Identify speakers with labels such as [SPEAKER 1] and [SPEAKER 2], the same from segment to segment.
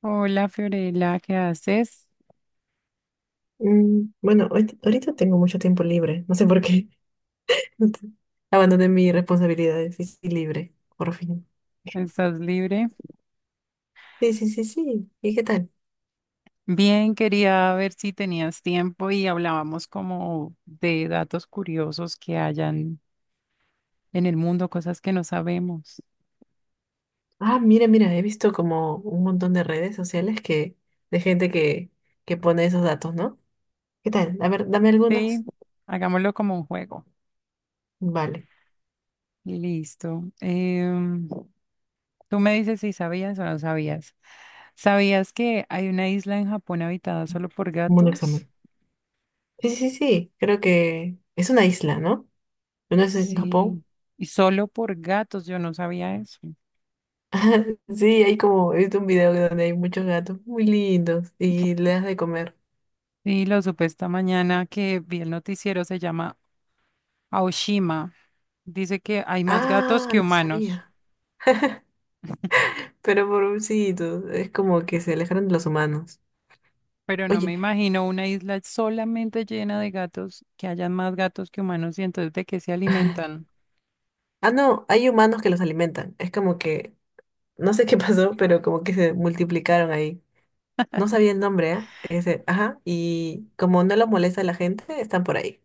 [SPEAKER 1] Hola Fiorella, ¿qué haces?
[SPEAKER 2] Bueno, ahorita tengo mucho tiempo libre. No sé por qué. Abandoné mis responsabilidades y estoy libre, por fin.
[SPEAKER 1] ¿Estás libre?
[SPEAKER 2] Sí, sí, sí, sí. ¿Y qué tal?
[SPEAKER 1] Bien, quería ver si tenías tiempo y hablábamos como de datos curiosos que hayan en el mundo, cosas que no sabemos.
[SPEAKER 2] Ah, mira, he visto como un montón de redes sociales de que pone esos datos, ¿no? ¿Qué tal? A ver, dame
[SPEAKER 1] Sí,
[SPEAKER 2] algunos.
[SPEAKER 1] hagámoslo como un juego.
[SPEAKER 2] Vale,
[SPEAKER 1] Listo. Tú me dices si sabías o no sabías. ¿Sabías que hay una isla en Japón habitada solo por
[SPEAKER 2] como un
[SPEAKER 1] gatos?
[SPEAKER 2] examen. Sí, sí, sí. Creo que es una isla, ¿no? ¿No es en
[SPEAKER 1] Sí,
[SPEAKER 2] Japón?
[SPEAKER 1] y solo por gatos, yo no sabía eso.
[SPEAKER 2] Sí, hay como, he visto un video donde hay muchos gatos muy lindos y le das de comer.
[SPEAKER 1] Sí, lo supe esta mañana que vi el noticiero, se llama Aoshima. Dice que hay más gatos
[SPEAKER 2] Ah,
[SPEAKER 1] que
[SPEAKER 2] no
[SPEAKER 1] humanos,
[SPEAKER 2] sabía. Pero pobrecitos, es como que se alejaron de los humanos.
[SPEAKER 1] pero no
[SPEAKER 2] Oye,
[SPEAKER 1] me imagino una isla solamente llena de gatos, que hayan más gatos que humanos y entonces de qué se alimentan.
[SPEAKER 2] ah, no, hay humanos que los alimentan. Es como no sé qué pasó, pero como que se multiplicaron ahí. No sabía el nombre, ¿ah? Ese, ajá, y como no los molesta a la gente, están por ahí.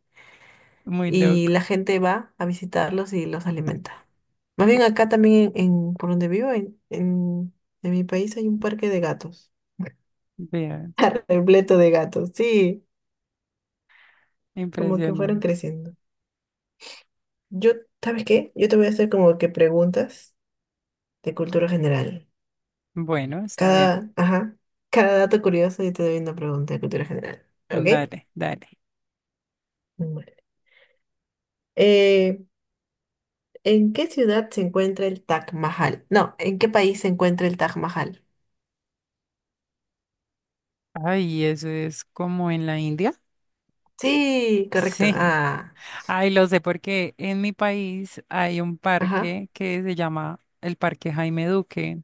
[SPEAKER 1] Muy
[SPEAKER 2] Y
[SPEAKER 1] loco.
[SPEAKER 2] la gente va a visitarlos y los alimenta. Más bien acá también, por donde vivo, en mi país hay un parque de gatos,
[SPEAKER 1] Vean,
[SPEAKER 2] repleto de gatos, sí, como que fueron
[SPEAKER 1] impresionante.
[SPEAKER 2] creciendo. Yo, ¿sabes qué? Yo te voy a hacer como que preguntas de cultura general.
[SPEAKER 1] Bueno, está bien.
[SPEAKER 2] Cada, ajá, cada dato curioso y te doy una pregunta de cultura general. ¿Ok?
[SPEAKER 1] Dale, dale.
[SPEAKER 2] Bueno. Eh, ¿En qué ciudad se encuentra el Taj Mahal? No, ¿en qué país se encuentra el Taj Mahal?
[SPEAKER 1] Ay, eso es como en la India.
[SPEAKER 2] Sí, correcto.
[SPEAKER 1] Sí.
[SPEAKER 2] Ah,
[SPEAKER 1] Ay, lo sé porque en mi país hay un
[SPEAKER 2] ajá,
[SPEAKER 1] parque que se llama el Parque Jaime Duque.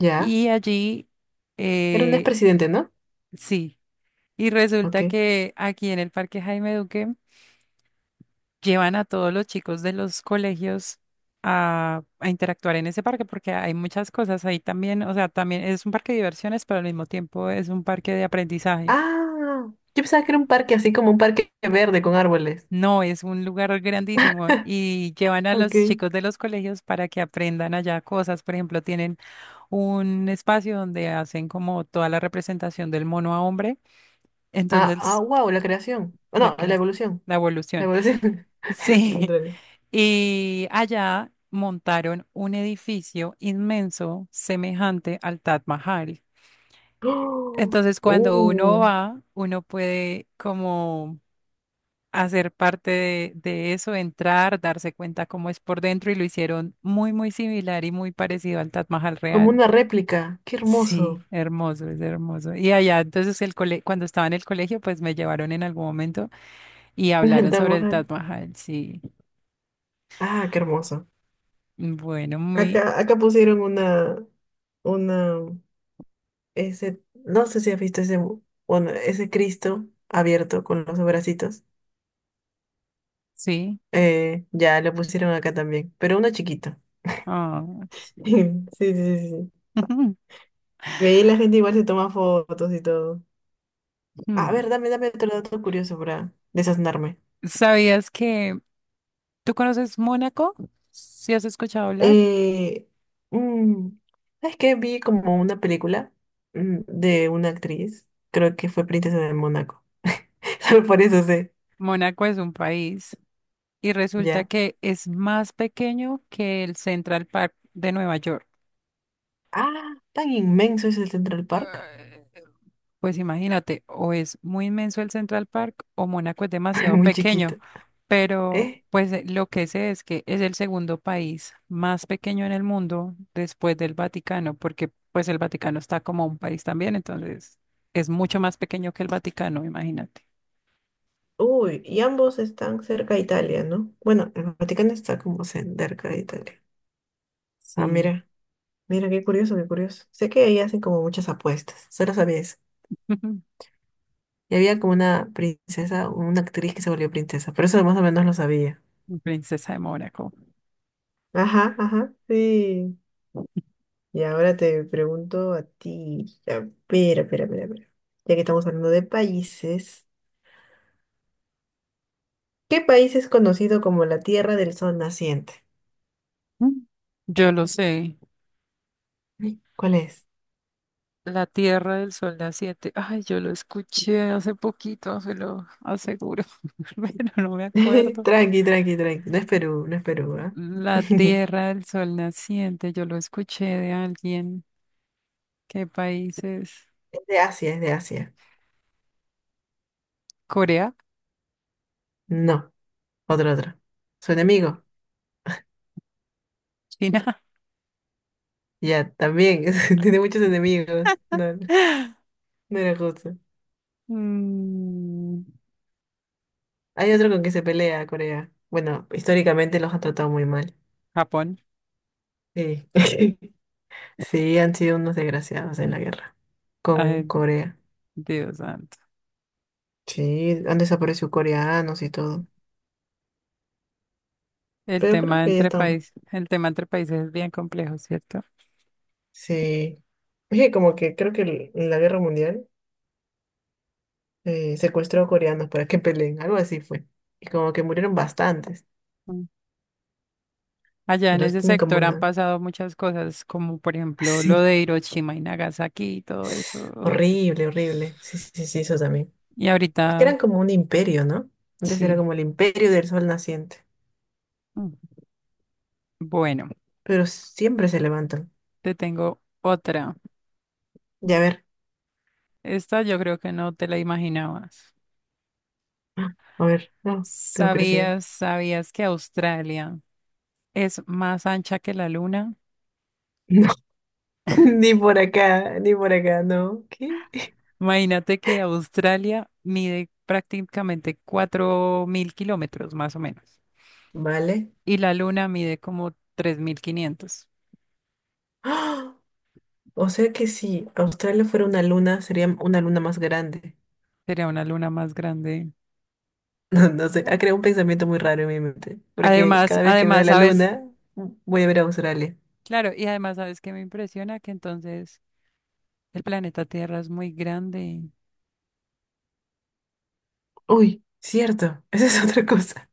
[SPEAKER 2] ya.
[SPEAKER 1] Y allí,
[SPEAKER 2] Era un
[SPEAKER 1] eh,
[SPEAKER 2] expresidente, ¿no?
[SPEAKER 1] sí, y resulta
[SPEAKER 2] Ok.
[SPEAKER 1] que aquí en el Parque Jaime Duque llevan a todos los chicos de los colegios a interactuar en ese parque porque hay muchas cosas ahí también, o sea, también es un parque de diversiones, pero al mismo tiempo es un parque de aprendizaje.
[SPEAKER 2] Ah, yo pensaba que era un parque así como un parque verde con árboles.
[SPEAKER 1] No, es un lugar grandísimo y llevan a los
[SPEAKER 2] Ok.
[SPEAKER 1] chicos de los colegios para que aprendan allá cosas. Por ejemplo, tienen un espacio donde hacen como toda la representación del mono a hombre.
[SPEAKER 2] Ah, ah,
[SPEAKER 1] Entonces
[SPEAKER 2] wow, la creación. Oh,
[SPEAKER 1] La,
[SPEAKER 2] no, la
[SPEAKER 1] cres-
[SPEAKER 2] evolución.
[SPEAKER 1] la
[SPEAKER 2] La
[SPEAKER 1] evolución.
[SPEAKER 2] evolución. El
[SPEAKER 1] Sí.
[SPEAKER 2] contrario.
[SPEAKER 1] Y allá montaron un edificio inmenso semejante al Taj Mahal.
[SPEAKER 2] ¡Oh!
[SPEAKER 1] Entonces, cuando uno
[SPEAKER 2] ¡Uh!
[SPEAKER 1] va, uno puede como hacer parte de eso, entrar, darse cuenta cómo es por dentro y lo hicieron muy, muy similar y muy parecido al Taj Mahal
[SPEAKER 2] Como
[SPEAKER 1] real.
[SPEAKER 2] una réplica. ¡Qué
[SPEAKER 1] Sí,
[SPEAKER 2] hermoso!
[SPEAKER 1] hermoso, es hermoso. Y allá, entonces, cuando estaba en el colegio, pues me llevaron en algún momento y
[SPEAKER 2] El
[SPEAKER 1] hablaron
[SPEAKER 2] Taj
[SPEAKER 1] sobre el Taj
[SPEAKER 2] Mahal.
[SPEAKER 1] Mahal, sí.
[SPEAKER 2] Ah, qué hermoso.
[SPEAKER 1] Bueno,
[SPEAKER 2] Acá pusieron una, ese, no sé si has visto ese, mu- bueno, ese Cristo abierto con los bracitos.
[SPEAKER 1] sí.
[SPEAKER 2] Ya lo pusieron acá también, pero uno chiquito.
[SPEAKER 1] Ah,
[SPEAKER 2] Sí,
[SPEAKER 1] sí.
[SPEAKER 2] sí, sí, sí.
[SPEAKER 1] Ujú.
[SPEAKER 2] Y ahí la gente igual se toma fotos y todo. A
[SPEAKER 1] Ujú.
[SPEAKER 2] ver, dame otro dato curioso para desaznarme.
[SPEAKER 1] ¿Sabías que tú conoces Mónaco? ¿Sí has escuchado hablar?
[SPEAKER 2] Eh, mm, ¿Sabes qué? Vi como una película de una actriz, creo que fue Princesa de Mónaco. Solo por eso sé,
[SPEAKER 1] Mónaco es un país y resulta
[SPEAKER 2] ya.
[SPEAKER 1] que es más pequeño que el Central Park de Nueva York.
[SPEAKER 2] Ah, tan inmenso es el Central Park.
[SPEAKER 1] Pues imagínate, o es muy inmenso el Central Park o Mónaco es demasiado
[SPEAKER 2] Muy chiquito.
[SPEAKER 1] pequeño, pero
[SPEAKER 2] ¿Eh?
[SPEAKER 1] pues lo que sé es que es el segundo país más pequeño en el mundo después del Vaticano, porque pues el Vaticano está como un país también, entonces es mucho más pequeño que el Vaticano, imagínate.
[SPEAKER 2] Uy, y ambos están cerca de Italia, ¿no? Bueno, el Vaticano está como cerca de Italia. Ah,
[SPEAKER 1] Sí,
[SPEAKER 2] mira, qué curioso, qué curioso. Sé que ahí hacen como muchas apuestas, solo sabía eso. Y había como una princesa, una actriz que se volvió princesa, pero eso más o menos lo sabía.
[SPEAKER 1] princesa de Mónaco.
[SPEAKER 2] Ajá, ajá, sí. Y ahora te pregunto a ti. A ver, a ver, a ver, a ver. Ya que estamos hablando de países, ¿qué país es conocido como la Tierra del Sol Naciente?
[SPEAKER 1] Mm. Yo lo sé,
[SPEAKER 2] Ay, ¿cuál es?
[SPEAKER 1] la Tierra del Sol las siete. Ay, yo lo escuché hace poquito, se lo aseguro, pero no me acuerdo.
[SPEAKER 2] Tranqui, tranqui, tranqui. No es Perú, no es Perú, ¿ah?
[SPEAKER 1] La Tierra del Sol Naciente, yo lo escuché de alguien. ¿Qué país es?
[SPEAKER 2] Es de Asia, es de Asia.
[SPEAKER 1] ¿Corea?
[SPEAKER 2] No, otro, otro. Su enemigo.
[SPEAKER 1] ¿China?
[SPEAKER 2] Ya, también. Tiene muchos enemigos. No, no no era justo.
[SPEAKER 1] Mm,
[SPEAKER 2] Hay otro con que se pelea Corea. Bueno, históricamente los ha tratado muy mal.
[SPEAKER 1] ¿Japón?
[SPEAKER 2] Sí. Sí, han sido unos desgraciados en la guerra con
[SPEAKER 1] Ay,
[SPEAKER 2] Corea.
[SPEAKER 1] Dios santo.
[SPEAKER 2] Sí, han desaparecido coreanos y todo.
[SPEAKER 1] El
[SPEAKER 2] Pero creo
[SPEAKER 1] tema
[SPEAKER 2] que ya
[SPEAKER 1] entre
[SPEAKER 2] estamos.
[SPEAKER 1] países, el tema entre países es bien complejo, ¿cierto?
[SPEAKER 2] Sí. Es que como que creo que el- en la guerra mundial secuestró a coreanos para que peleen, algo así fue. Y como que murieron bastantes.
[SPEAKER 1] Allá en
[SPEAKER 2] Entonces
[SPEAKER 1] ese
[SPEAKER 2] tienen como
[SPEAKER 1] sector han
[SPEAKER 2] una...
[SPEAKER 1] pasado muchas cosas, como por ejemplo lo
[SPEAKER 2] Sí.
[SPEAKER 1] de Hiroshima y Nagasaki y todo eso.
[SPEAKER 2] Horrible, horrible. Sí, sí, sí, sí, eso también.
[SPEAKER 1] Y
[SPEAKER 2] Es que
[SPEAKER 1] ahorita,
[SPEAKER 2] eran como un imperio, ¿no? Antes era
[SPEAKER 1] sí.
[SPEAKER 2] como el imperio del sol naciente.
[SPEAKER 1] Mm. Bueno,
[SPEAKER 2] Pero siempre se levantan.
[SPEAKER 1] te tengo otra.
[SPEAKER 2] Ya a ver.
[SPEAKER 1] Esta yo creo que no te la imaginabas.
[SPEAKER 2] Ah, a ver. No, tengo curiosidad.
[SPEAKER 1] ¿Sabías que Australia es más ancha que la luna?
[SPEAKER 2] No, ni por acá, ni por acá, no. ¿Qué?
[SPEAKER 1] Imagínate que Australia mide prácticamente 4.000 kilómetros, más o menos.
[SPEAKER 2] Vale.
[SPEAKER 1] Y la luna mide como 3.500.
[SPEAKER 2] ¡Ah! O sea que si Australia fuera una luna, sería una luna más grande.
[SPEAKER 1] Sería una luna más grande.
[SPEAKER 2] No, no sé, ha creado un pensamiento muy raro en mi mente, porque
[SPEAKER 1] Además,
[SPEAKER 2] cada vez que veo
[SPEAKER 1] además,
[SPEAKER 2] la
[SPEAKER 1] sabes,
[SPEAKER 2] luna, voy a ver a Australia.
[SPEAKER 1] claro, y además, sabes que me impresiona que entonces el planeta Tierra es muy grande,
[SPEAKER 2] Uy, cierto, esa es otra cosa.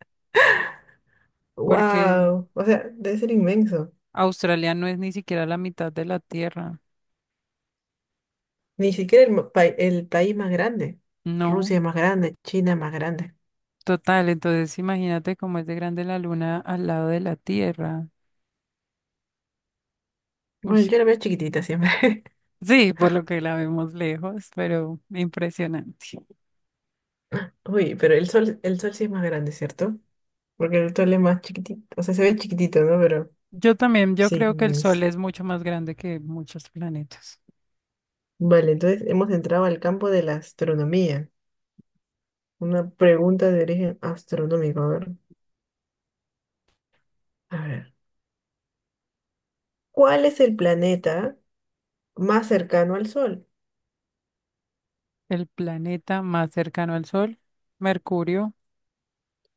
[SPEAKER 1] porque
[SPEAKER 2] Wow, o sea, debe ser inmenso.
[SPEAKER 1] Australia no es ni siquiera la mitad de la Tierra.
[SPEAKER 2] Ni siquiera el, ma- pa- el país más grande.
[SPEAKER 1] No,
[SPEAKER 2] Rusia es más grande, China es más grande.
[SPEAKER 1] total. Entonces, imagínate cómo es de grande la Luna al lado de la Tierra.
[SPEAKER 2] Bueno,
[SPEAKER 1] Ush.
[SPEAKER 2] yo la veo chiquitita siempre.
[SPEAKER 1] Sí, por lo que la vemos lejos, pero impresionante.
[SPEAKER 2] Uy, pero el sol sí es más grande, ¿cierto? Porque el otro es más chiquitito. O sea, se ve chiquitito, ¿no? Pero
[SPEAKER 1] Yo también, yo
[SPEAKER 2] sí,
[SPEAKER 1] creo que el Sol
[SPEAKER 2] inmenso.
[SPEAKER 1] es mucho más grande que muchos planetas.
[SPEAKER 2] Vale, entonces hemos entrado al campo de la astronomía. Una pregunta de origen astronómico. A ver. A ver. ¿Cuál es el planeta más cercano al Sol?
[SPEAKER 1] El planeta más cercano al Sol, Mercurio.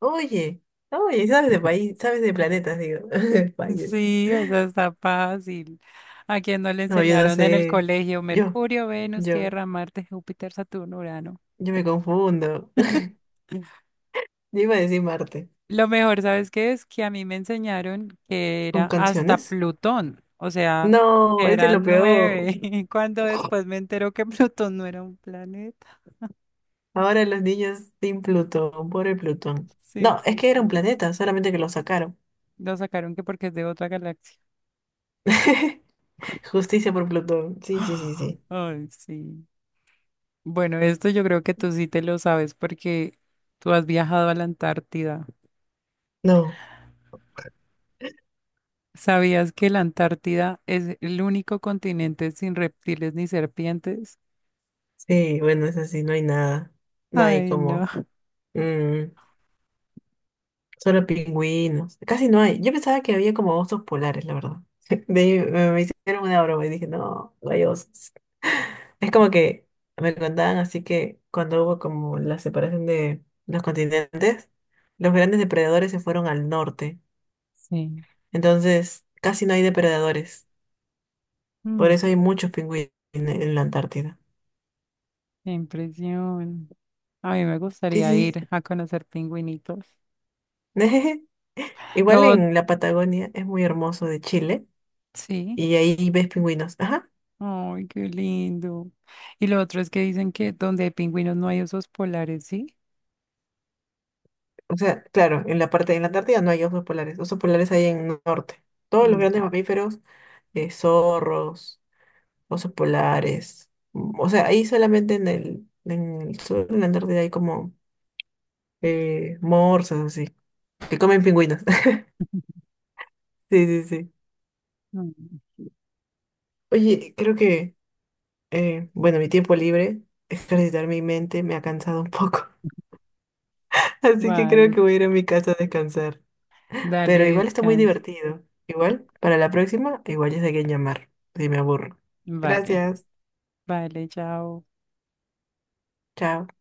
[SPEAKER 2] Oye, oye, sabes de país, sabes de planetas, digo. Vaya.
[SPEAKER 1] Sí, esa está fácil. ¿A quién no le
[SPEAKER 2] No, yo no
[SPEAKER 1] enseñaron en el
[SPEAKER 2] sé.
[SPEAKER 1] colegio?
[SPEAKER 2] Yo,
[SPEAKER 1] Mercurio, Venus,
[SPEAKER 2] yo,
[SPEAKER 1] Tierra, Marte, Júpiter, Saturno, Urano.
[SPEAKER 2] yo me confundo. Yo iba a decir Marte.
[SPEAKER 1] Lo mejor, ¿sabes qué es? Que a mí me enseñaron que
[SPEAKER 2] ¿Con
[SPEAKER 1] era hasta
[SPEAKER 2] canciones?
[SPEAKER 1] Plutón, o sea,
[SPEAKER 2] No, ese es lo
[SPEAKER 1] eran
[SPEAKER 2] peor.
[SPEAKER 1] nueve, cuando después me entero que Plutón no era un planeta.
[SPEAKER 2] Ahora los niños sin Plutón, pobre Plutón.
[SPEAKER 1] Sí,
[SPEAKER 2] No, es que era un
[SPEAKER 1] Plutón.
[SPEAKER 2] planeta, solamente que lo sacaron.
[SPEAKER 1] Lo sacaron que porque es de otra galaxia.
[SPEAKER 2] Justicia por Plutón. Sí, sí, sí, sí.
[SPEAKER 1] Ay, sí. Bueno, esto yo creo que tú sí te lo sabes porque tú has viajado a la Antártida.
[SPEAKER 2] No,
[SPEAKER 1] ¿Sabías que la Antártida es el único continente sin reptiles ni serpientes?
[SPEAKER 2] sí, bueno, es así, no hay nada. No hay
[SPEAKER 1] Ay, no.
[SPEAKER 2] como... mm, solo pingüinos. Casi no hay. Yo pensaba que había como osos polares, la verdad. De ahí me hicieron una broma y dije, no, no hay osos. Es como que me contaban así que cuando hubo como la separación de los continentes, los grandes depredadores se fueron al norte.
[SPEAKER 1] Sí.
[SPEAKER 2] Entonces, casi no hay depredadores. Por
[SPEAKER 1] Mm,
[SPEAKER 2] eso hay muchos pingüinos en la Antártida.
[SPEAKER 1] qué impresión. A mí me
[SPEAKER 2] Sí,
[SPEAKER 1] gustaría
[SPEAKER 2] sí.
[SPEAKER 1] ir a conocer pingüinitos.
[SPEAKER 2] Sí.
[SPEAKER 1] Lo,
[SPEAKER 2] Igual
[SPEAKER 1] ot-
[SPEAKER 2] en la Patagonia es muy hermoso de Chile
[SPEAKER 1] sí.
[SPEAKER 2] y ahí ves pingüinos. Ajá.
[SPEAKER 1] Ay, qué lindo. Y lo otro es que dicen que donde hay pingüinos no hay osos polares, ¿sí?
[SPEAKER 2] O sea, claro, en la parte de la Antártida no hay osos polares. Osos polares hay en el norte. Todos los grandes
[SPEAKER 1] Mm.
[SPEAKER 2] mamíferos, zorros, osos polares. O sea, ahí solamente en el sur de la Antártida hay como morsas así, que comen pingüinos. Sí, sí, sí.
[SPEAKER 1] Mm.
[SPEAKER 2] Oye, creo que bueno, mi tiempo libre, ejercitar mi mente, me ha cansado un poco. Así que creo
[SPEAKER 1] Vale.
[SPEAKER 2] que voy a ir a mi casa a descansar. Pero
[SPEAKER 1] Dale,
[SPEAKER 2] igual está muy
[SPEAKER 1] descansa.
[SPEAKER 2] divertido. Igual, para la próxima, igual ya sé a quién llamar, si me aburro.
[SPEAKER 1] Vale.
[SPEAKER 2] Gracias.
[SPEAKER 1] Vale, chao.
[SPEAKER 2] Chao.